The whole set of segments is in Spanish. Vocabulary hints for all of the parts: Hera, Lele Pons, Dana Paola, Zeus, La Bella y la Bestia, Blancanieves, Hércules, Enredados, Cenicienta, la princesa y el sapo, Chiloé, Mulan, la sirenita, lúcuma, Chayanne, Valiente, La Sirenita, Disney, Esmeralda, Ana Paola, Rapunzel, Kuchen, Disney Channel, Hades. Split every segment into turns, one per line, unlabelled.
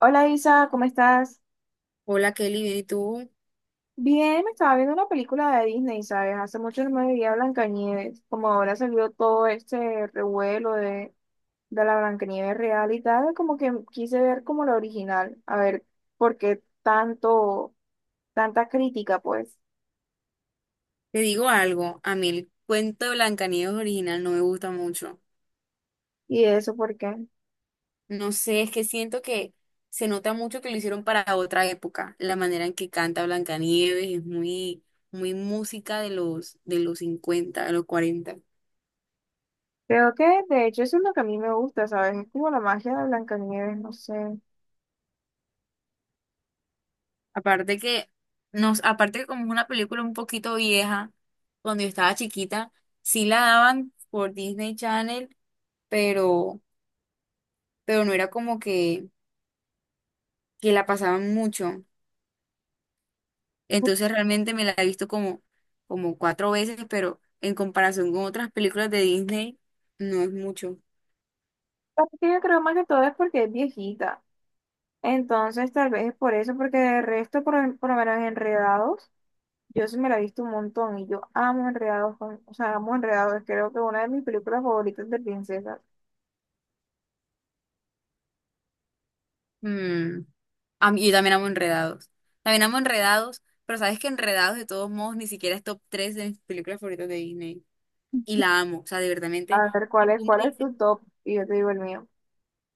Hola Isa, ¿cómo estás?
Hola Kelly, bien, ¿y tú?
Bien, me estaba viendo una película de Disney, ¿sabes? Hace mucho no me veía Blancanieves. Como ahora salió todo este revuelo de, la Blancanieves real y tal, como que quise ver como la original, a ver por qué tanto, tanta crítica, pues.
Te digo algo, a mí el cuento de Blancanieves original no me gusta mucho.
¿Y eso por qué?
No sé, es que siento que se nota mucho que lo hicieron para otra época. La manera en que canta Blancanieves es muy, muy música de los 50, de los cuarenta.
Creo que de hecho eso es lo que a mí me gusta, ¿sabes? Es como la magia de Blancanieves, no sé.
Aparte que, aparte que como es una película un poquito vieja, cuando yo estaba chiquita, sí la daban por Disney Channel, pero, pero no era como que la pasaban mucho. Entonces realmente me la he visto como cuatro veces, pero en comparación con otras películas de Disney, no es mucho.
Aparte que yo creo más que todo es porque es viejita. Entonces, tal vez es por eso, porque de resto, por lo menos Enredados, yo sí me la he visto un montón y yo amo Enredados, o sea, amo Enredados, creo que una de mis películas favoritas de princesas.
Mm, yo también amo Enredados. También amo Enredados, pero sabes que Enredados de todos modos ni siquiera es top 3 de mis películas favoritas de Disney. Y la amo, o sea, de verdadmente.
A ver,
Si tú me
cuál es
dices,
tu top? Y yo te digo el mío.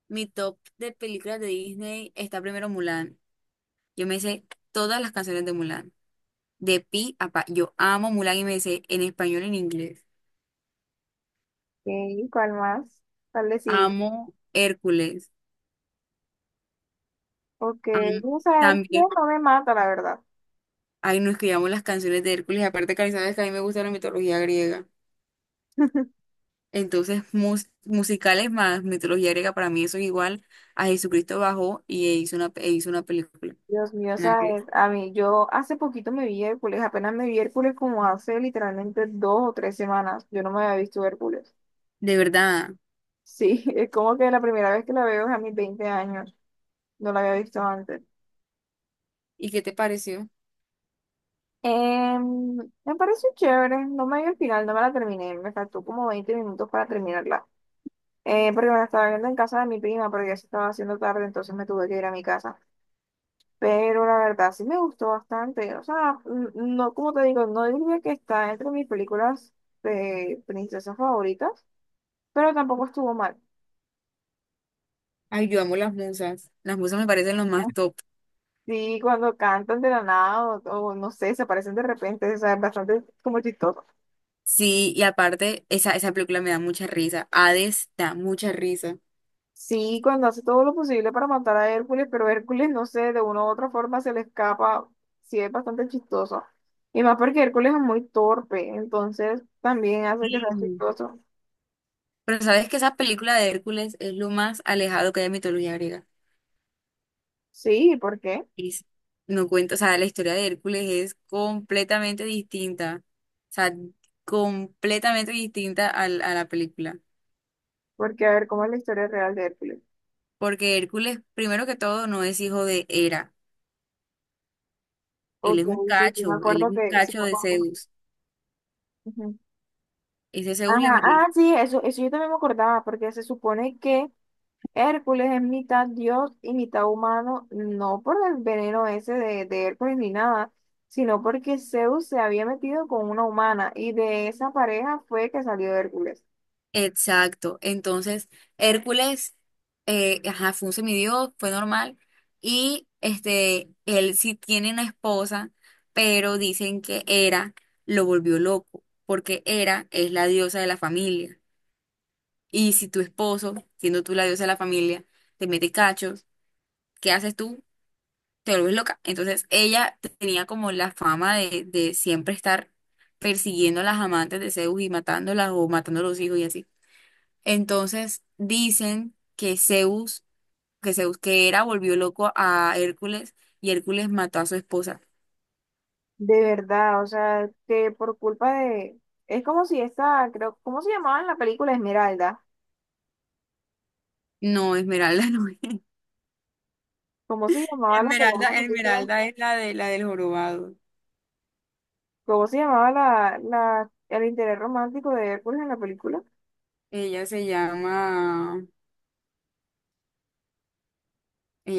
mi top de películas de Disney está primero Mulan. Yo me sé todas las canciones de Mulan, de pi a pa. Yo amo Mulan y me sé en español y en inglés.
Ok, ¿cuál más? ¿Cuál decir?
Amo Hércules.
Ok,
Am-
vamos a ver, no,
también,
no me mata, la verdad.
ay, nos escribíamos las canciones de Hércules, aparte que sabes que a mí me gusta la mitología griega. Entonces, musicales más mitología griega, para mí eso es igual a Jesucristo bajó y e hizo una película.
Dios mío,
Nada que-
sabes, a mí, yo hace poquito me vi Hércules, apenas me vi Hércules como hace literalmente dos o tres semanas, yo no me había visto Hércules.
De verdad.
Sí, es como que la primera vez que la veo es a mis 20 años. No la había visto antes.
¿Y qué te pareció?
Em, Me pareció chévere. No me vi el final, no me la terminé. Me faltó como 20 minutos para terminarla. Porque me la estaba viendo en casa de mi prima, pero ya se estaba haciendo tarde, entonces me tuve que ir a mi casa. Pero la verdad sí me gustó bastante. O sea, no, como te digo, no diría que está entre mis películas de princesas favoritas, pero tampoco estuvo mal.
Ay, yo amo las musas. Las musas me parecen los más top.
Sí, cuando cantan de la nada o no sé, se aparecen de repente, o sea, es bastante como chistoso.
Sí, y aparte, esa película me da mucha risa. Hades da mucha risa.
Sí, cuando hace todo lo posible para matar a Hércules, pero Hércules, no sé, de una u otra forma se le escapa, sí es bastante chistoso. Y más porque Hércules es muy torpe, entonces también hace que
Sí.
sea chistoso.
Pero sabes que esa película de Hércules es lo más alejado que hay de mitología griega.
Sí, ¿por qué?
Es- no cuento, o sea, la historia de Hércules es completamente distinta, o sea, completamente distinta a la película,
Porque a ver, ¿cómo es la historia real de Hércules?
porque Hércules, primero que todo, no es hijo de Hera, él
Ok,
es un
sí, sí, me
cacho, él es
acuerdo
un
que sí
cacho
me
de
acuerdo.
Zeus,
Ujú.
ese Zeus
Ajá,
le metió.
ah, sí, eso yo también me acordaba, porque se supone que Hércules es mitad dios y mitad humano, no por el veneno ese de Hércules ni nada, sino porque Zeus se había metido con una humana y de esa pareja fue que salió Hércules.
Exacto. Entonces, Hércules, ajá, fue un semidios, fue normal. Y este, él sí tiene una esposa, pero dicen que Hera lo volvió loco, porque Hera es la diosa de la familia. Y si tu esposo, siendo tú la diosa de la familia, te mete cachos, ¿qué haces tú? Te vuelves loca. Entonces, ella tenía como la fama de siempre estar persiguiendo a las amantes de Zeus y matándolas o matando a los hijos y así. Entonces dicen que Zeus volvió loco a Hércules y Hércules mató a su esposa.
De verdad, o sea, que por culpa de. Es como si esta, creo, ¿cómo se llamaba en la película Esmeralda?
No, Esmeralda no es.
¿Cómo se llamaba la,
Esmeralda,
película la película?
Esmeralda es la de la del jorobado.
¿Cómo se llamaba el interés romántico de Hércules en la película?
Ella se llama,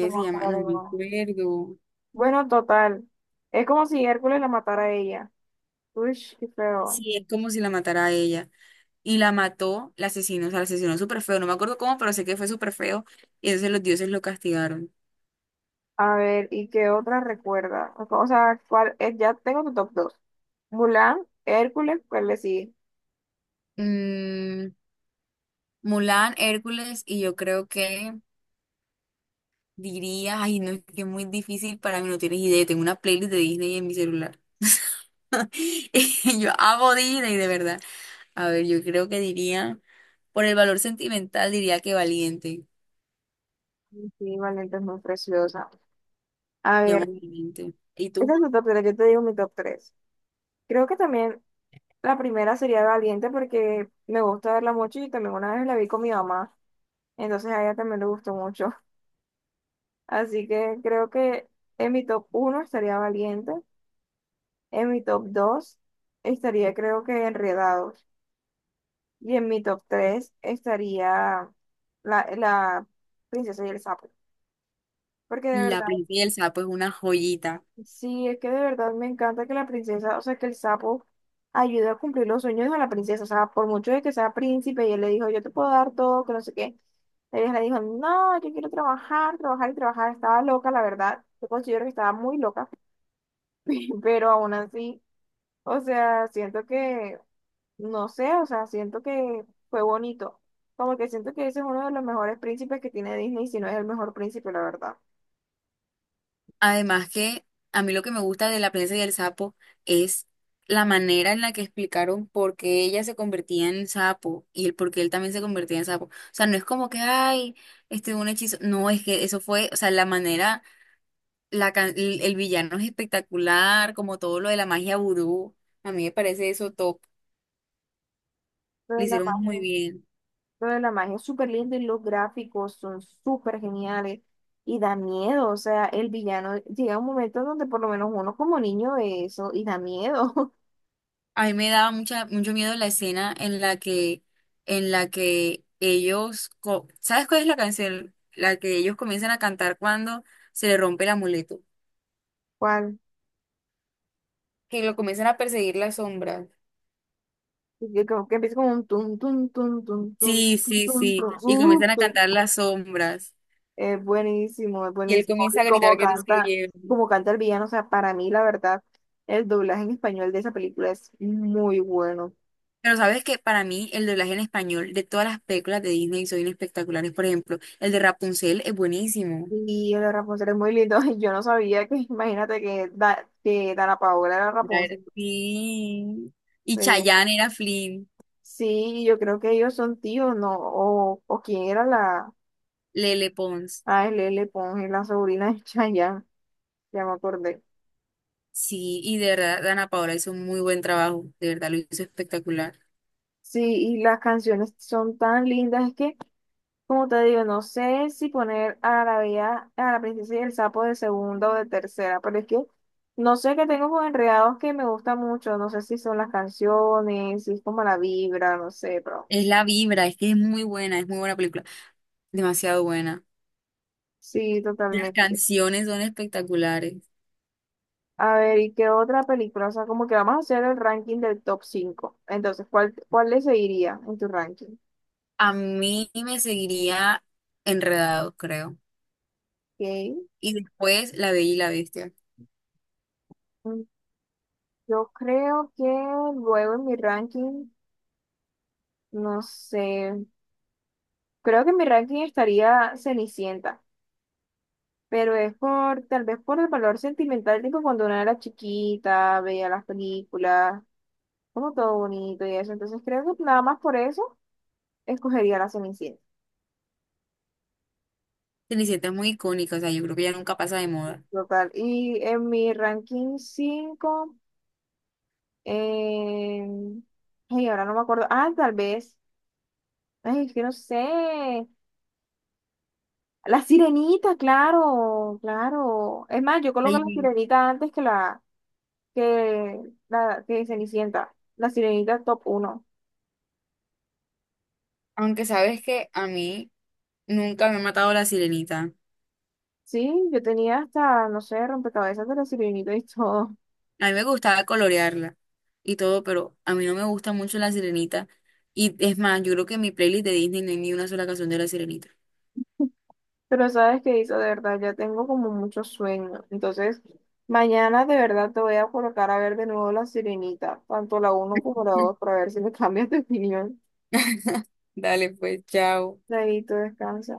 No me
se llama, no
acuerdo.
me
No.
acuerdo.
Bueno, total. Es como si Hércules la matara a ella. Uy, qué feo.
Sí, es como si la matara a ella. Y la mató, la asesinó, o sea, la asesinó súper feo. No me acuerdo cómo, pero sé que fue súper feo. Y entonces los dioses lo castigaron.
A ver, ¿y qué otra recuerda? O sea, ¿cuál es? Ya tengo tu top 2. Mulan, Hércules, ¿cuál le sigue?
Mm, Mulan, Hércules y yo creo que diría, ay, no, es que es muy difícil para mí, no tienes idea. Tengo una playlist de Disney en mi celular. Yo amo Disney, de verdad. A ver, yo creo que diría, por el valor sentimental, diría que valiente.
Sí, Valiente es muy preciosa. A
Llamo
ver,
valiente. ¿Y
este
tú?
es mi top 3. Yo te digo mi top 3. Creo que también la primera sería Valiente porque me gusta verla mucho y también una vez la vi con mi mamá, entonces a ella también le gustó mucho. Así que creo que en mi top uno estaría Valiente, en mi top 2 estaría creo que Enredados. Y en mi top 3 estaría la princesa y el sapo. Porque de
La
verdad,
princesa, pues una joyita.
sí, es que de verdad me encanta que la princesa, o sea, que el sapo ayude a cumplir los sueños de la princesa. O sea, por mucho de que sea príncipe y él le dijo, yo te puedo dar todo, que no sé qué. Ella le dijo, no, yo quiero trabajar, trabajar y trabajar. Estaba loca, la verdad. Yo considero que estaba muy loca, pero aún así, o sea, siento que no sé, o sea, siento que fue bonito. Como que siento que ese es uno de los mejores príncipes que tiene Disney, si no es el mejor príncipe, la verdad.
Además que a mí lo que me gusta de La princesa y el sapo es la manera en la que explicaron por qué ella se convertía en sapo y el por qué él también se convertía en sapo. O sea, no es como que, ay, este un hechizo. No, es que eso fue, o sea, la manera, el villano es espectacular, como todo lo de la magia vudú. A mí me parece eso top.
Lo
Lo
de la
hicieron muy
magia.
bien.
Lo de la magia es súper lindo y los gráficos son súper geniales y da miedo. O sea, el villano llega un momento donde por lo menos uno como niño ve eso y da miedo.
A mí me daba mucha, mucho miedo la escena. En la que ellos, co- ¿Sabes cuál es la canción? La que ellos comienzan a cantar cuando se le rompe el amuleto,
¿Cuál?
que lo comienzan a perseguir las sombras.
Que, como que empieza como un tum, tum, tum, tum, tum,
Sí, sí,
tum, tum,
sí,
tum,
y comienzan a
tum.
cantar las sombras,
Es buenísimo, es
y él
buenísimo.
comienza
Y
a gritar que no se lo lleven.
como canta el villano, o sea, para mí la verdad, el doblaje en español de esa película es muy bueno.
Pero sabes que para mí el doblaje en español de todas las películas de Disney son espectaculares, por ejemplo, el de Rapunzel es buenísimo.
Y el de Rapunzel es muy lindo. Yo no sabía que, imagínate que, que Dana Paola era
Claro,
Rapunzel.
sí. Y
Eh,
Chayanne era Flynn,
sí, yo creo que ellos son tíos, ¿no? O quién era la
Lele Pons.
ALL Ponge, la sobrina de Chayanne, ya me acordé.
Sí, y de verdad, Ana Paola hizo un muy buen trabajo, de verdad lo hizo espectacular.
Sí, y las canciones son tan lindas, es que, como te digo, no sé si poner a la bella, a la princesa y el sapo de segunda o de tercera, pero es que no sé qué tengo con Enredados que me gusta mucho, no sé si son las canciones, si es como la vibra, no sé, pero
Es la vibra, es que es muy buena película, demasiado buena.
sí,
Las
totalmente.
canciones son espectaculares.
A ver, ¿y qué otra película? O sea, como que vamos a hacer el ranking del top cinco. Entonces, ¿cuál, cuál le seguiría en tu ranking?
A mí me seguiría Enredados, creo.
Ok.
Y después La Bella y la Bestia.
Mm, yo creo que luego en mi ranking, no sé, creo que en mi ranking estaría Cenicienta, pero es por, tal vez por el valor sentimental, tipo cuando una era chiquita, veía las películas, como todo bonito y eso. Entonces, creo que nada más por eso escogería la Cenicienta.
Cenicienta es muy icónica, o sea, yo creo que ya nunca pasa de moda.
Total. Y en mi ranking cinco, Eh, ay, ahora no me acuerdo. Ah, tal vez. Ay, es que no sé. La sirenita, claro, claro. Es más, yo coloco la
Ay,
sirenita antes que la que la que Cenicienta. La sirenita top uno.
aunque sabes que a mí nunca me ha matado la sirenita.
Sí, yo tenía hasta, no sé, rompecabezas de la sirenita y todo.
A mí me gustaba colorearla y todo, pero a mí no me gusta mucho La Sirenita. Y es más, yo creo que en mi playlist de Disney no hay ni una sola canción de La Sirenita.
Pero sabes qué hizo, de verdad, ya tengo como mucho sueño. Entonces, mañana de verdad te voy a colocar a ver de nuevo la sirenita, tanto la uno como la 2, para ver si me cambias de opinión.
Dale, pues, chao.
David, tú descansa.